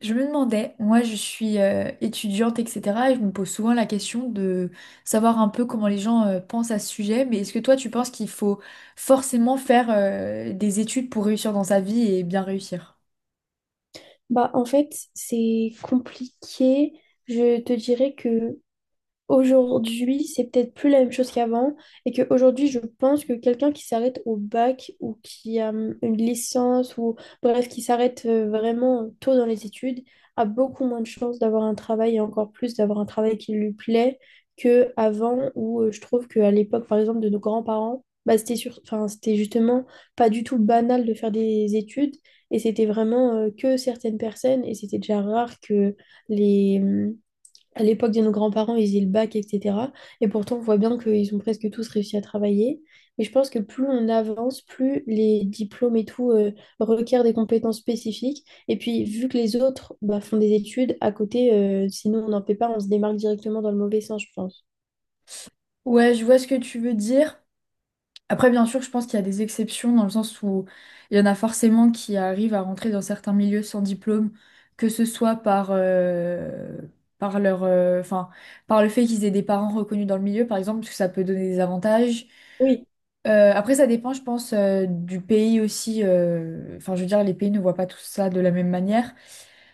Je me demandais, moi je suis étudiante, etc. Et je me pose souvent la question de savoir un peu comment les gens pensent à ce sujet. Mais est-ce que toi tu penses qu'il faut forcément faire des études pour réussir dans sa vie et bien réussir? Bah, en fait, c'est compliqué. Je te dirais que aujourd'hui, c'est peut-être plus la même chose qu'avant et qu'aujourd'hui, je pense que quelqu'un qui s'arrête au bac ou qui a une licence ou bref, qui s'arrête vraiment tôt dans les études, a beaucoup moins de chances d'avoir un travail et encore plus d'avoir un travail qui lui plaît que avant où je trouve qu'à l'époque, par exemple, de nos grands-parents, bah, c'était enfin, c'était justement pas du tout banal de faire des études et c'était vraiment que certaines personnes et c'était déjà rare que les à l'époque de nos grands-parents, ils avaient le bac, etc. Et pourtant, on voit bien qu'ils ont presque tous réussi à travailler. Mais je pense que plus on avance, plus les diplômes et tout requièrent des compétences spécifiques. Et puis, vu que les autres bah, font des études à côté, si nous, on n'en fait pas, on se démarque directement dans le mauvais sens, je pense. Ouais, je vois ce que tu veux dire. Après, bien sûr, je pense qu'il y a des exceptions dans le sens où il y en a forcément qui arrivent à rentrer dans certains milieux sans diplôme, que ce soit par leur, euh, enfin, par le fait qu'ils aient des parents reconnus dans le milieu, par exemple, parce que ça peut donner des avantages. Oui, Après, ça dépend, je pense, du pays aussi. Enfin, je veux dire, les pays ne voient pas tout ça de la même manière.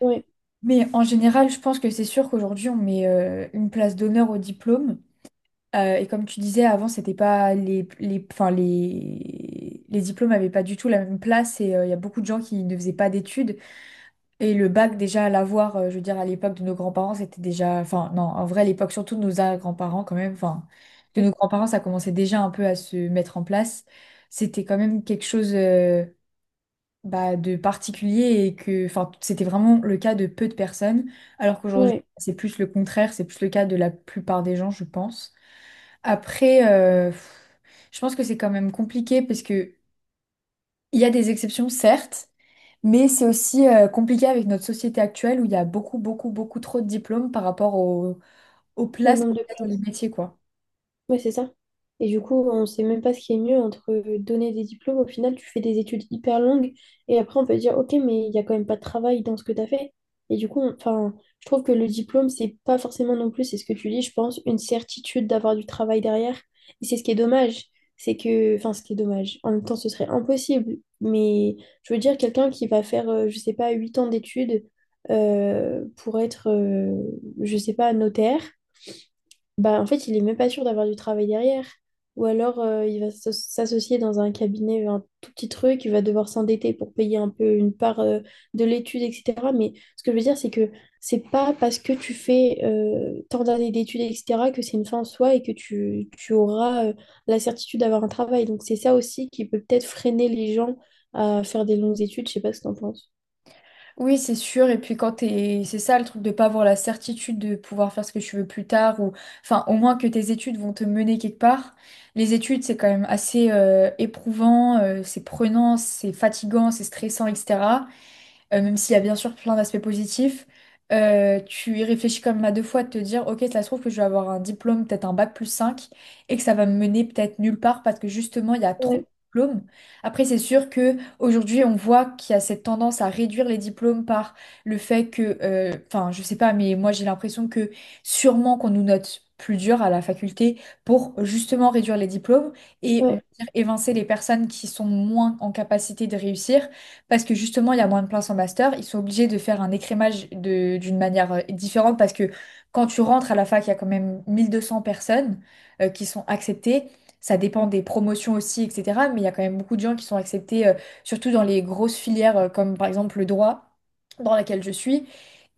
oui, Mais en général, je pense que c'est sûr qu'aujourd'hui, on met une place d'honneur au diplôme. Et comme tu disais, avant, c'était pas les diplômes n'avaient pas du tout la même place. Et il y a beaucoup de gens qui ne faisaient pas d'études. Et le bac, déjà, à l'avoir, je veux dire, à l'époque de nos grands-parents, c'était déjà. Enfin, non, en vrai, à l'époque, surtout de nos grands-parents, quand même, oui. Ça commençait déjà un peu à se mettre en place. C'était quand même quelque chose bah, de particulier et que. Enfin, c'était vraiment le cas de peu de personnes, alors qu'aujourd'hui, Ouais, c'est plus le contraire, c'est plus le cas de la plupart des gens, je pense. Après, je pense que c'est quand même compliqué parce que il y a des exceptions, certes, mais c'est aussi compliqué avec notre société actuelle où il y a beaucoup, beaucoup, beaucoup trop de diplômes par rapport aux au places nombre qu'il de y a dans les places. métiers, quoi. Ouais, c'est ça. Et du coup, on sait même pas ce qui est mieux entre donner des diplômes. Au final, tu fais des études hyper longues et après, on peut dire, OK, mais il y a quand même pas de travail dans ce que tu as fait. Et du coup, enfin, je trouve que le diplôme, c'est pas forcément non plus, c'est ce que tu dis, je pense, une certitude d'avoir du travail derrière. Et c'est ce qui est dommage. C'est que, enfin, ce qui est dommage. En même temps, ce serait impossible. Mais je veux dire, quelqu'un qui va faire, je sais pas, 8 ans d'études pour être, je sais pas, notaire. Bah, en fait, il est même pas sûr d'avoir du travail derrière. Ou alors, il va s'associer dans un cabinet, vers un tout petit truc, il va devoir s'endetter pour payer un peu une part de l'étude, etc. Mais ce que je veux dire, c'est que c'est pas parce que tu fais tant d'années d'études, etc., que c'est une fin en soi et que tu auras la certitude d'avoir un travail. Donc, c'est ça aussi qui peut peut-être freiner les gens à faire des longues études. Je sais pas ce que t'en penses. Oui, c'est sûr. C'est ça le truc de pas avoir la certitude de pouvoir faire ce que tu veux plus tard Enfin, au moins que tes études vont te mener quelque part. Les études, c'est quand même assez éprouvant, c'est prenant, c'est fatigant, c'est stressant, etc. Même s'il y a bien sûr plein d'aspects positifs, tu y réfléchis quand même à deux fois de te dire, ok, ça se trouve que je vais avoir un diplôme, peut-être un bac+5, et que ça va me mener peut-être nulle part parce que justement, il y a trop Ouais, de diplômes. Après, c'est sûr que aujourd'hui, on voit qu'il y a cette tendance à réduire les diplômes par le fait que, enfin, je sais pas, mais moi j'ai l'impression que sûrement qu'on nous note plus dur à la faculté pour justement réduire les diplômes et on va ouais, dire évincer les personnes qui sont moins en capacité de réussir parce que justement, il y a moins de places en master. Ils sont obligés de faire un écrémage d'une manière différente parce que quand tu rentres à la fac, il y a quand même 1200 personnes qui sont acceptées. Ça dépend des promotions aussi, etc. Mais il y a quand même beaucoup de gens qui sont acceptés, surtout dans les grosses filières comme par exemple le droit dans laquelle je suis.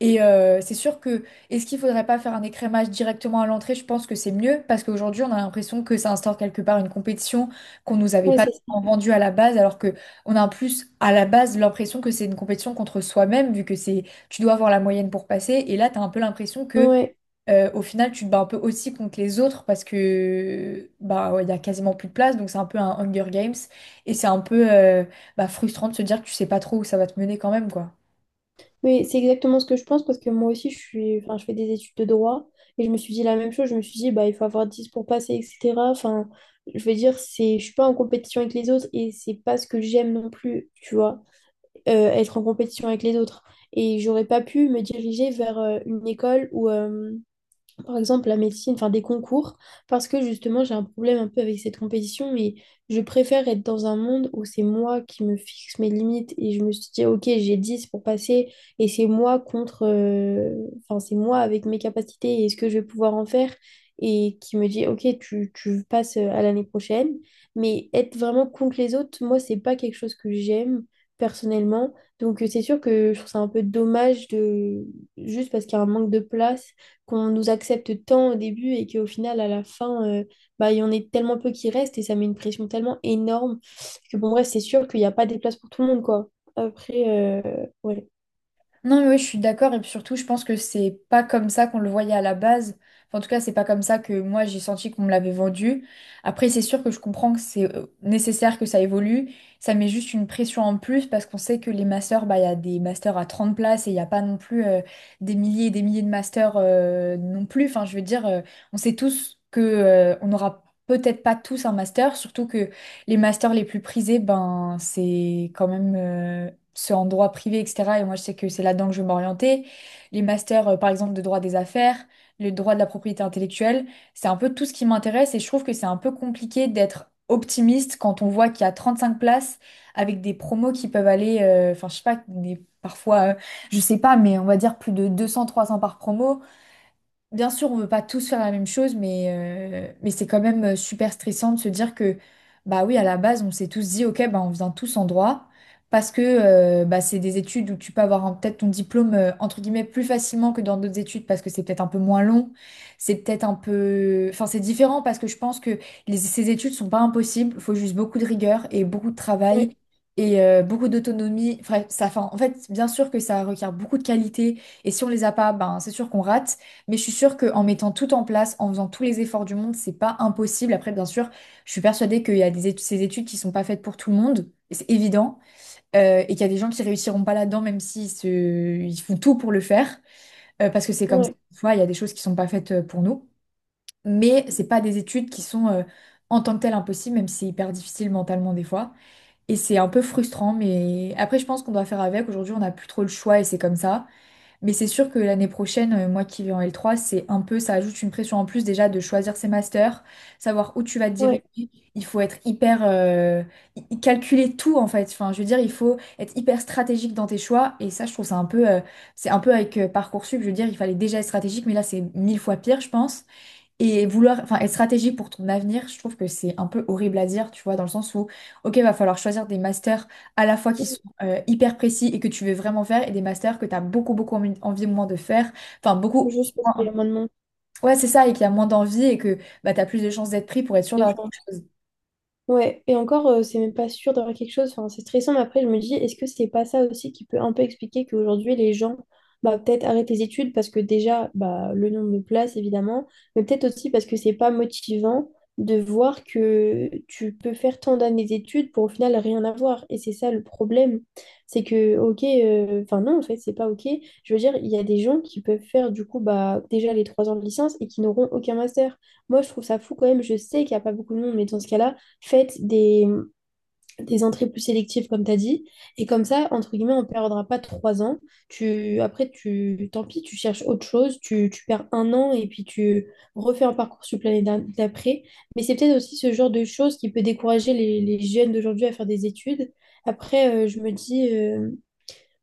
Et c'est sûr que, est-ce qu'il faudrait pas faire un écrémage directement à l'entrée? Je pense que c'est mieux parce qu'aujourd'hui, on a l'impression que ça instaure quelque part une compétition qu'on nous avait ouais, pas c'est ça. vendue à la base, alors que on a en plus à la base l'impression que c'est une compétition contre soi-même, vu que c'est tu dois avoir la moyenne pour passer. Et là, tu as un peu l'impression que Ouais. Au final, tu te bats un peu aussi contre les autres parce que bah ouais, il y a quasiment plus de place, donc c'est un peu un Hunger Games. Et c'est un peu bah, frustrant de se dire que tu sais pas trop où ça va te mener quand même, quoi. Oui, c'est exactement ce que je pense parce que moi aussi, je suis, enfin, je fais des études de droit et je me suis dit la même chose. Je me suis dit, bah, il faut avoir 10 pour passer, etc. Enfin, je veux dire, c'est, je suis pas en compétition avec les autres et c'est pas ce que j'aime non plus, tu vois, être en compétition avec les autres. Et j'aurais pas pu me diriger vers une école où, par exemple la médecine, enfin des concours, parce que justement j'ai un problème un peu avec cette compétition, mais je préfère être dans un monde où c'est moi qui me fixe mes limites et je me suis dit, ok, j'ai 10 pour passer et c'est moi contre, enfin c'est moi avec mes capacités et ce que je vais pouvoir en faire et qui me dit, ok, tu passes à l'année prochaine, mais être vraiment contre les autres, moi c'est pas quelque chose que j'aime personnellement, donc c'est sûr que je trouve ça un peu dommage de juste parce qu'il y a un manque de place qu'on nous accepte tant au début et qu'au final, à la fin, bah, il y en est tellement peu qui restent et ça met une pression tellement énorme que bon, bref, c'est sûr qu'il n'y a pas des places pour tout le monde, quoi. Après, ouais, Non, mais oui, je suis d'accord. Et puis surtout, je pense que c'est pas comme ça qu'on le voyait à la base. Enfin, en tout cas, c'est pas comme ça que moi, j'ai senti qu'on me l'avait vendu. Après, c'est sûr que je comprends que c'est nécessaire que ça évolue. Ça met juste une pression en plus parce qu'on sait que les masters, bah, il y a des masters à 30 places et il n'y a pas non plus des milliers et des milliers de masters non plus. Enfin, je veux dire, on sait tous que on n'aura peut-être pas tous un master, surtout que les masters les plus prisés, ben, c'est quand même ceux en droit privé, etc. Et moi, je sais que c'est là-dedans que je veux m'orienter. Les masters, par exemple, de droit des affaires, le droit de la propriété intellectuelle, c'est un peu tout ce qui m'intéresse et je trouve que c'est un peu compliqué d'être optimiste quand on voit qu'il y a 35 places avec des promos qui peuvent aller, enfin, je sais pas, parfois, je sais pas, mais on va dire plus de 200-300 par promo. Bien sûr, on ne veut pas tous faire la même chose, mais c'est quand même super stressant de se dire que, bah oui, à la base, on s'est tous dit, ok, bah on vient tous en droit, parce que bah, c'est des études où tu peux avoir peut-être ton diplôme, entre guillemets, plus facilement que dans d'autres études, parce que c'est peut-être un peu moins long, c'est peut-être un peu. Enfin, c'est différent, parce que je pense que ces études sont pas impossibles, il faut juste beaucoup de rigueur et beaucoup de ouais, travail. Et beaucoup d'autonomie. Enfin, ça, enfin, en fait, bien sûr que ça requiert beaucoup de qualité. Et si on les a pas, ben, c'est sûr qu'on rate. Mais je suis sûre qu'en mettant tout en place, en faisant tous les efforts du monde, c'est pas impossible. Après, bien sûr, je suis persuadée qu'il y a des études, ces études qui sont pas faites pour tout le monde, et c'est évident, et qu'il y a des gens qui réussiront pas là-dedans, même ils font tout pour le faire, parce que c'est comme ça. ouais, Tu vois, il y a des choses qui sont pas faites pour nous. Mais c'est pas des études qui sont en tant que telles impossibles, même si c'est hyper difficile mentalement des fois. Et c'est un peu frustrant, mais après, je pense qu'on doit faire avec. Aujourd'hui, on n'a plus trop le choix et c'est comme ça. Mais c'est sûr que l'année prochaine, moi qui vais en L3, c'est un peu, ça ajoute une pression en plus déjà de choisir ses masters, savoir où tu vas te ouais. diriger. Il faut être hyper, calculer tout en fait. Enfin, je veux dire, il faut être hyper stratégique dans tes choix. Et ça, je trouve ça un peu, c'est un peu avec Parcoursup, je veux dire, il fallait déjà être stratégique, mais là, c'est mille fois pire, je pense. Et vouloir, enfin, être stratégique pour ton avenir, je trouve que c'est un peu horrible à dire, tu vois, dans le sens où, ok, va falloir choisir des masters à la fois qui sont hyper précis et que tu veux vraiment faire, et des masters que tu as beaucoup, beaucoup envie, envie moins de faire, enfin, beaucoup, Je pense qu'il y a moins de monde. ouais, c'est ça, et qu'il y a moins d'envie et que bah, tu as plus de chances d'être pris pour être sûr d'avoir quelque chose. Ouais, et encore, c'est même pas sûr d'avoir quelque chose. Enfin, c'est stressant, mais après, je me dis, est-ce que c'est pas ça aussi qui peut un peu expliquer qu'aujourd'hui, les gens, bah, peut-être arrêtent les études parce que déjà, bah, le nombre de places, évidemment, mais peut-être aussi parce que c'est pas motivant de voir que tu peux faire tant d'années d'études pour au final rien avoir. Et c'est ça le problème. C'est que, ok, enfin, non, en fait, c'est pas ok. Je veux dire, il y a des gens qui peuvent faire, du coup, bah, déjà les 3 ans de licence et qui n'auront aucun master. Moi, je trouve ça fou quand même. Je sais qu'il n'y a pas beaucoup de monde, mais dans ce cas-là, faites des entrées plus sélectives, comme tu as dit. Et comme ça, entre guillemets, on ne perdra pas 3 ans. Après, tant pis, tu cherches autre chose, tu perds un an et puis tu refais un parcours sur l'année d'après. Mais c'est peut-être aussi ce genre de choses qui peut décourager les jeunes d'aujourd'hui à faire des études. Après, je me dis,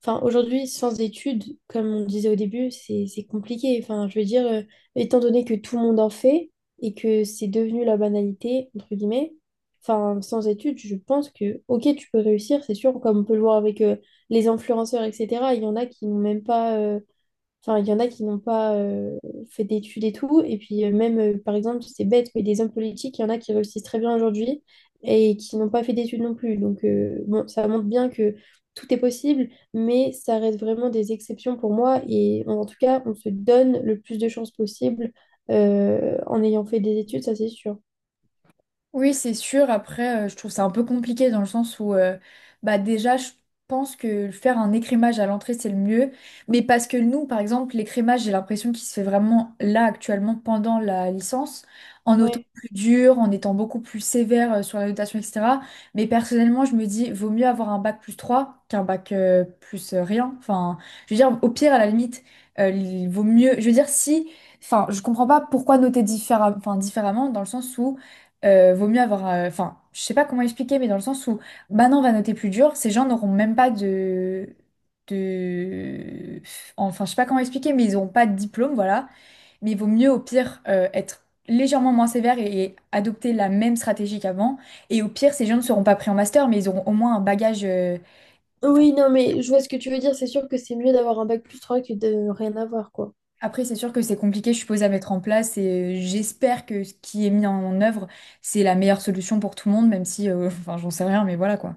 enfin, aujourd'hui, sans études, comme on disait au début, c'est compliqué. Enfin, je veux dire, étant donné que tout le monde en fait et que c'est devenu la banalité, entre guillemets, enfin, sans études, je pense que, ok, tu peux réussir, c'est sûr, comme on peut le voir avec les influenceurs, etc. Il y en a qui n'ont même pas enfin, il y en a qui n'ont pas fait d'études et tout. Et puis même, par exemple, c'est bête, mais des hommes politiques, il y en a qui réussissent très bien aujourd'hui et qui n'ont pas fait d'études non plus. Donc bon, ça montre bien que tout est possible, mais ça reste vraiment des exceptions pour moi. Et en tout cas, on se donne le plus de chances possible en ayant fait des études, ça c'est sûr. Oui, c'est sûr. Après, je trouve ça un peu compliqué dans le sens où, bah déjà, je pense que faire un écrémage à l'entrée, c'est le mieux. Mais parce que nous, par exemple, l'écrémage, j'ai l'impression qu'il se fait vraiment là, actuellement, pendant la licence, en notant Ouais. plus dur, en étant beaucoup plus sévère sur la notation, etc. Mais personnellement, je me dis, vaut mieux avoir un bac+3 qu'un bac plus rien. Enfin, je veux dire, au pire, à la limite, il vaut mieux. Je veux dire, si. Enfin, je comprends pas pourquoi noter enfin, différemment, dans le sens où vaut mieux avoir. Enfin, je sais pas comment expliquer, mais dans le sens où maintenant on va noter plus dur, ces gens n'auront même pas de... Enfin, je sais pas comment expliquer, mais ils n'auront pas de diplôme, voilà. Mais il vaut mieux au pire être légèrement moins sévère et adopter la même stratégie qu'avant. Et au pire, ces gens ne seront pas pris en master, mais ils auront au moins un bagage. Enfin, Oui, non, mais je vois ce que tu veux dire. C'est sûr que c'est mieux d'avoir un bac plus 3 que de rien avoir, quoi. après, c'est sûr que c'est compliqué, je suppose, à mettre en place et j'espère que ce qui est mis en œuvre, c'est la meilleure solution pour tout le monde, même si, enfin, j'en sais rien, mais voilà quoi.